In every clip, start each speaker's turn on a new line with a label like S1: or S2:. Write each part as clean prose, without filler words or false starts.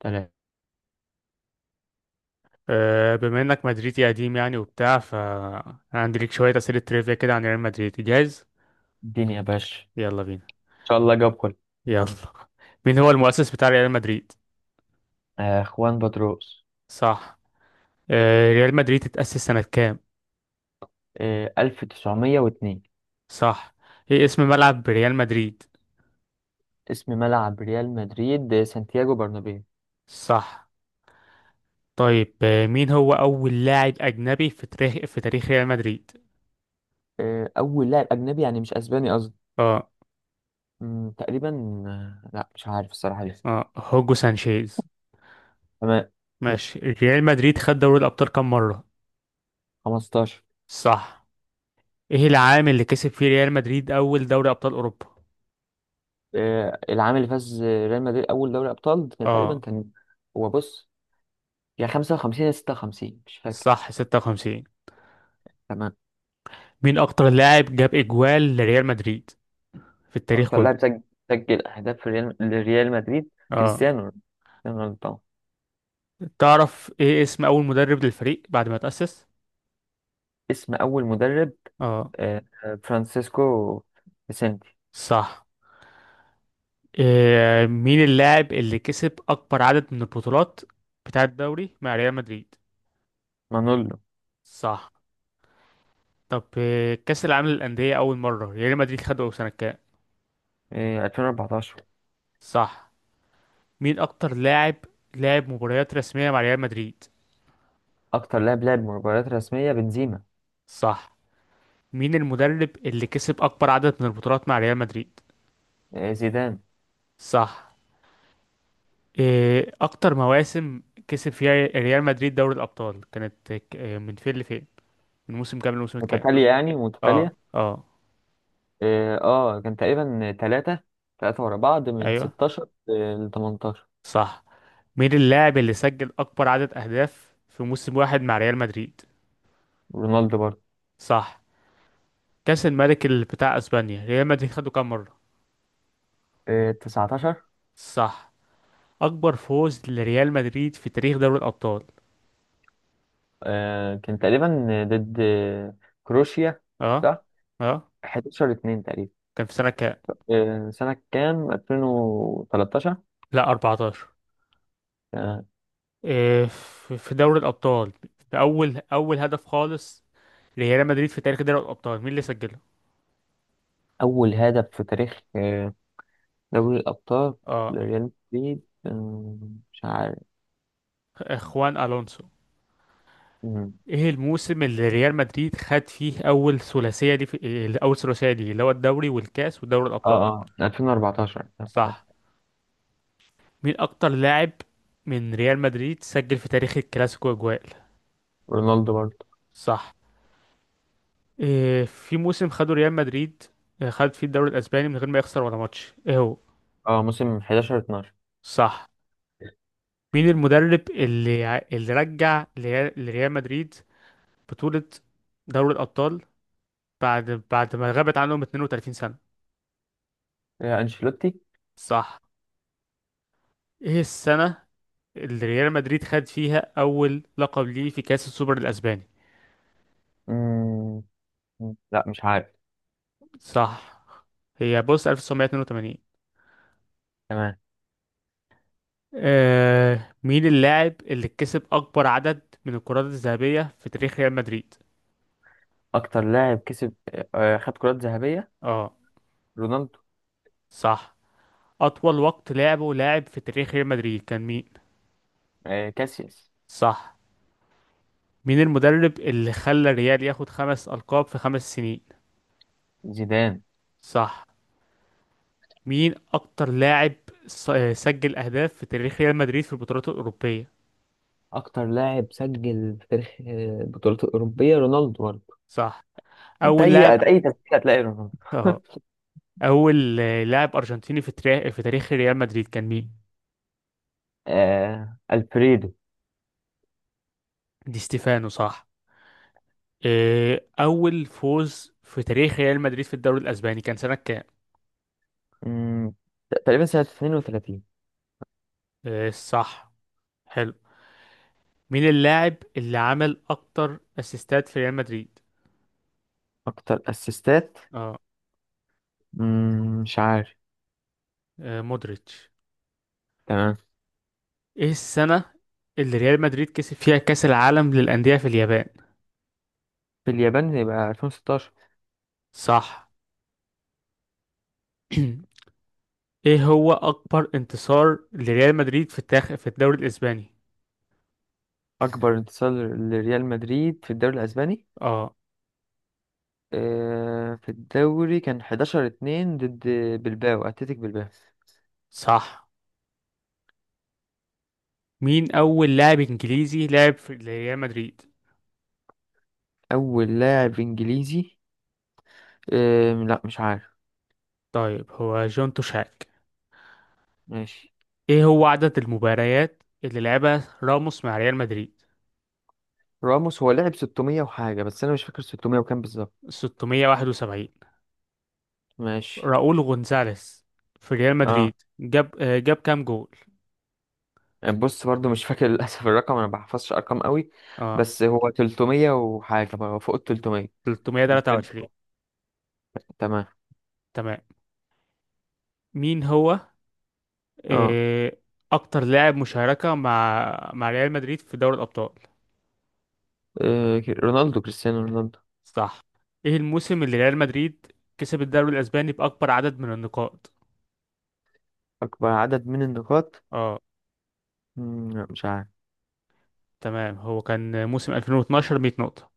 S1: تمام.
S2: بما انك مدريدي قديم يعني وبتاع عندي ليك شويه اسئله تريفيا كده عن ريال مدريد. جاهز؟
S1: اديني يا باشا ان
S2: يلا بينا.
S1: شاء الله جاب كله.
S2: يلا، مين هو المؤسس بتاع ريال مدريد؟
S1: خوان بطريقوس.
S2: صح. ريال مدريد اتأسس سنه كام؟
S1: 1902.
S2: صح. ايه اسم ملعب ريال مدريد؟
S1: اسم ملعب ريال مدريد سانتياغو برنابيو.
S2: صح. طيب، مين هو اول لاعب اجنبي في تاريخ ريال مدريد؟
S1: اول لاعب اجنبي، يعني مش اسباني قصدي.
S2: اه،
S1: تقريبا. لا مش عارف الصراحه لسه.
S2: اه هوجو سانشيز.
S1: تمام.
S2: ماشي، ريال مدريد خد دوري الابطال كام مره؟
S1: 15.
S2: صح. ايه العام اللي كسب فيه ريال مدريد اول دوري ابطال اوروبا؟
S1: العام اللي فاز ريال مدريد اول دوري ابطال كان تقريبا.
S2: اه،
S1: هو بص، يا 55 يا 56 مش فاكر.
S2: صح 56.
S1: تمام.
S2: مين اكتر لاعب جاب اجوال لريال مدريد في التاريخ
S1: اكتر
S2: كله؟
S1: لاعب سجل اهداف في لريال مدريد.
S2: اه.
S1: كريستيانو رونالدو. كريستيانو رونالدو طبعا.
S2: تعرف ايه اسم اول مدرب للفريق بعد ما تأسس؟
S1: اسم أول مدرب
S2: اه،
S1: فرانسيسكو فيسنتي.
S2: صح. إيه، مين اللاعب اللي كسب اكبر عدد من البطولات بتاع الدوري مع ريال مدريد؟
S1: مانولو.
S2: صح. طب إيه، كأس العالم للأندية اول مرة ريال مدريد خده سنة كام؟
S1: 2014.
S2: صح. مين اكتر لاعب لعب مباريات رسمية مع ريال مدريد؟
S1: أكتر لاعب لعب مباريات رسمية بنزيما.
S2: صح. مين المدرب اللي كسب اكبر عدد من البطولات مع ريال مدريد؟
S1: زيدان.
S2: صح. إيه اكتر مواسم كسب فيها ريال مدريد دوري الابطال؟ كانت إيه، من فين لفين؟ من موسم كام لموسم كام؟
S1: متتالية، يعني
S2: اه،
S1: متتالية.
S2: اه،
S1: اه، كان تقريبا تلاتة، تلاتة ورا بعض من
S2: ايوه،
S1: 16 ل 18.
S2: صح. مين اللاعب اللي سجل اكبر عدد اهداف في موسم واحد مع ريال مدريد؟
S1: رونالدو برضه.
S2: صح. كاس الملك اللي بتاع اسبانيا ريال مدريد خده كام مره؟
S1: 19.
S2: صح. اكبر فوز لريال مدريد في تاريخ دوري الابطال؟
S1: كان تقريبا ضد كروشيا.
S2: اه،
S1: صح.
S2: اه،
S1: 11 2 تقريبا.
S2: كان في سنه كام؟
S1: سنة كام؟ 2013.
S2: لا 14.
S1: آه،
S2: إيه، في دوري الابطال، في اول هدف خالص ريال مدريد في تاريخ دوري الأبطال، مين اللي سجله؟
S1: أول هدف في تاريخ دوري الأبطال
S2: اه،
S1: لريال مدريد. مش عارف.
S2: خوان ألونسو.
S1: مم.
S2: ايه الموسم اللي ريال مدريد خد فيه أول ثلاثية؟ دي في إيه، أول ثلاثية دي اللي هو الدوري والكاس ودوري الأبطال؟
S1: اه، اه، 2014،
S2: صح.
S1: 2014.
S2: مين أكتر لاعب من ريال مدريد سجل في تاريخ الكلاسيكو أجوال؟
S1: رونالدو برضه.
S2: صح. إيه، في موسم خده ريال مدريد خد فيه الدوري الأسباني من غير ما يخسر ولا ماتش؟ ايه هو؟
S1: اه، موسم 11 12.
S2: صح. مين المدرب اللي اللي رجع لريال مدريد بطولة دوري الأبطال بعد ما غابت عنهم 32 سنة؟
S1: أنشيلوتي.
S2: صح. ايه السنة اللي ريال مدريد خد فيها أول لقب ليه في كأس السوبر الأسباني؟
S1: مم. لا مش عارف.
S2: صح. هي بص 1982.
S1: تمام.
S2: آه، مين اللاعب اللي كسب أكبر عدد من الكرات الذهبية في تاريخ ريال مدريد؟
S1: أكتر لاعب كسب آه، آه، خد كرات ذهبية.
S2: اه،
S1: رونالدو.
S2: صح. أطول وقت لعبه لاعب في تاريخ ريال مدريد كان مين؟
S1: كاسياس.
S2: صح. مين المدرب اللي خلى الريال ياخد خمس ألقاب في خمس سنين؟
S1: زيدان.
S2: صح. مين اكتر لاعب سجل اهداف في تاريخ ريال مدريد في البطولات الاوروبيه؟
S1: أكتر لاعب سجل في تاريخ البطولات الأوروبية رونالدو برضه.
S2: صح.
S1: أنت
S2: اول
S1: أي
S2: لاعب،
S1: أي تسجيل هتلاقي رونالدو.
S2: اه، اول لاعب ارجنتيني في تاريخ ريال مدريد كان مين؟
S1: ألفريدو.
S2: دي ستيفانو، صح. اول فوز في تاريخ ريال مدريد في الدوري الاسباني كان سنه كام؟
S1: مم. تقريبا سنة 32.
S2: صح. حلو، مين اللاعب اللي عمل اكتر اسيستات في ريال مدريد؟
S1: أكتر أسيستات.
S2: اه،
S1: مش عارف.
S2: مودريتش.
S1: تمام.
S2: ايه السنه اللي ريال مدريد كسب فيها كاس العالم للانديه في اليابان؟
S1: في اليابان يبقى 2016.
S2: صح. ايه هو اكبر انتصار لريال مدريد في الدوري الاسباني؟
S1: أكبر انتصار لريال مدريد في الدوري الأسباني،
S2: اه،
S1: في الدوري كان 11 2 ضد أتلتيك بلباو.
S2: صح. مين اول لاعب انجليزي لعب في ريال مدريد؟
S1: أول لاعب إنجليزي، لا مش عارف.
S2: طيب، هو جون توشاك.
S1: ماشي.
S2: ايه هو عدد المباريات اللي لعبها راموس مع ريال مدريد؟
S1: راموس هو لعب 600 وحاجة، بس أنا مش فاكر 600 وكام بالظبط.
S2: 671.
S1: ماشي.
S2: راؤول غونزاليس في ريال
S1: اه،
S2: مدريد جاب جاب كام جول؟
S1: بص برضو مش فاكر للأسف، الرقم أنا ما بحفظش أرقام قوي،
S2: اه،
S1: بس هو 300 وحاجة بقى، هو فوق ال 300.
S2: 323.
S1: تمام.
S2: تمام. مين هو
S1: اه.
S2: آه، اكتر لاعب مشاركة مع ريال مدريد في دوري الابطال؟
S1: رونالدو كريستيانو رونالدو.
S2: صح. ايه الموسم اللي ريال مدريد كسب الدوري الاسباني باكبر عدد من النقاط؟
S1: أكبر عدد من النقاط.
S2: اه،
S1: لا مش عارف.
S2: تمام، هو كان موسم 2012، 100 نقطة.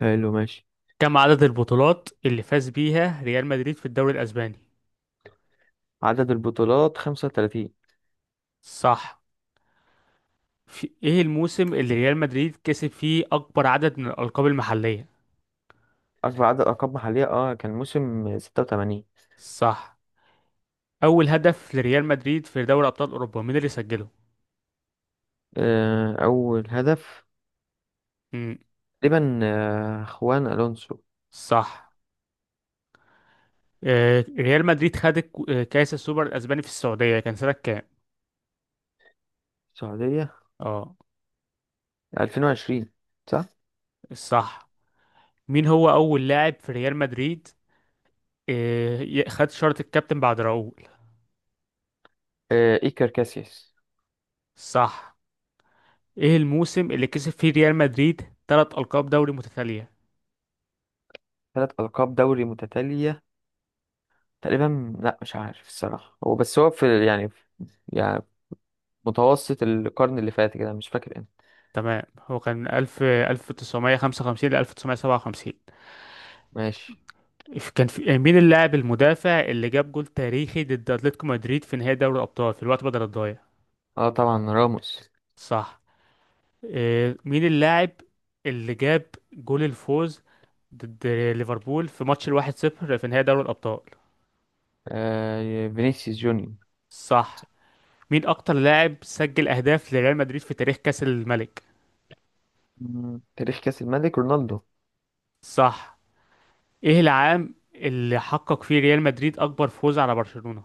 S1: حلو ماشي.
S2: كم عدد البطولات اللي فاز بيها ريال مدريد في الدوري الاسباني؟
S1: عدد البطولات 35.
S2: صح. في ايه الموسم اللي ريال مدريد كسب فيه اكبر عدد من الالقاب المحلية؟
S1: أكبر عدد ألقاب محلية، اه كان موسم 86.
S2: صح. اول هدف لريال مدريد في دوري ابطال اوروبا مين اللي سجله؟
S1: أول هدف
S2: امم
S1: تقريبا خوان ألونسو.
S2: صح. آه، ريال مدريد خد كاس السوبر الاسباني في السعودية كان سنة كام؟
S1: السعودية.
S2: اه،
S1: 2020، صح؟
S2: صح. مين هو أول لاعب في ريال مدريد خد شارة الكابتن بعد راؤول؟
S1: إيكر كاسياس.
S2: صح. إيه الموسم اللي كسب فيه ريال مدريد تلات ألقاب دوري متتالية؟
S1: ثلاث ألقاب دوري متتالية، تقريبا لا مش عارف الصراحة. هو بس هو في، يعني يعني متوسط القرن اللي فات كده مش فاكر امتى.
S2: تمام، هو كان ألف ألف تسعمية خمسة وخمسين لألف تسعمية سبعة وخمسين.
S1: ماشي.
S2: كان في، مين اللاعب المدافع اللي جاب جول تاريخي ضد أتلتيكو مدريد في نهائي دوري الأبطال في الوقت بدل الضايع؟
S1: اه طبعا راموس.
S2: صح. مين اللاعب اللي جاب جول الفوز ضد ليفربول في ماتش الواحد صفر في نهائي دوري الأبطال؟
S1: فينيسيوس جونيور.
S2: صح. مين أكتر لاعب سجل أهداف لريال مدريد في تاريخ كأس الملك؟
S1: تاريخ كأس الملك رونالدو.
S2: صح. إيه العام اللي حقق فيه ريال مدريد أكبر فوز على برشلونة؟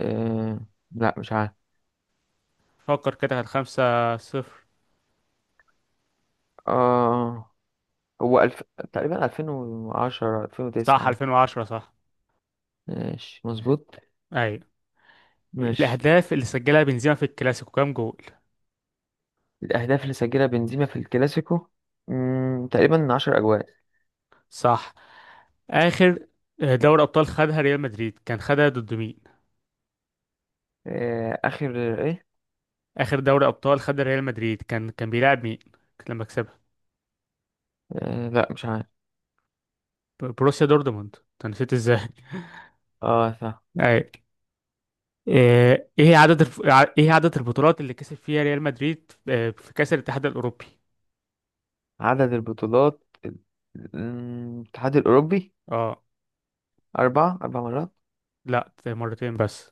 S1: آه لا مش عارف.
S2: فكر كده، كانت خمسة صفر.
S1: آه هو ألف... تقريبا 2010
S2: صح،
S1: 2009.
S2: 2010، صح.
S1: ماشي مظبوط.
S2: أيوة.
S1: ماشي.
S2: الأهداف اللي سجلها بنزيما في الكلاسيكو كام جول؟
S1: الأهداف اللي سجلها بنزيما في الكلاسيكو تقريبا 10 أجوال.
S2: صح. آخر، دوري أبطال خدها ريال مدريد كان خدها ضد مين؟
S1: آخر إيه؟
S2: آخر دوري أبطال خدها ريال مدريد كان بيلعب مين لما كسبها؟
S1: لا مش عارف.
S2: بروسيا دورتموند، أنت نسيت إزاي؟
S1: صح.
S2: أيوة. ايه هي ايه هي عدد البطولات اللي كسب فيها ريال مدريد في كأس الاتحاد الأوروبي؟
S1: عدد البطولات ال- الاتحاد الأوروبي.
S2: اه،
S1: أربع مرات.
S2: لا مرتين بس.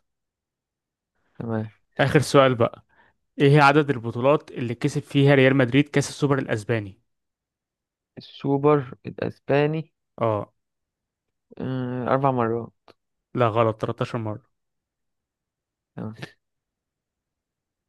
S1: تمام.
S2: آخر سؤال بقى، ايه هي عدد البطولات اللي كسب فيها ريال مدريد كأس السوبر الأسباني؟
S1: السوبر الأسباني.
S2: اه،
S1: أربع مرات.
S2: لا غلط 13 مرة.
S1: تمام.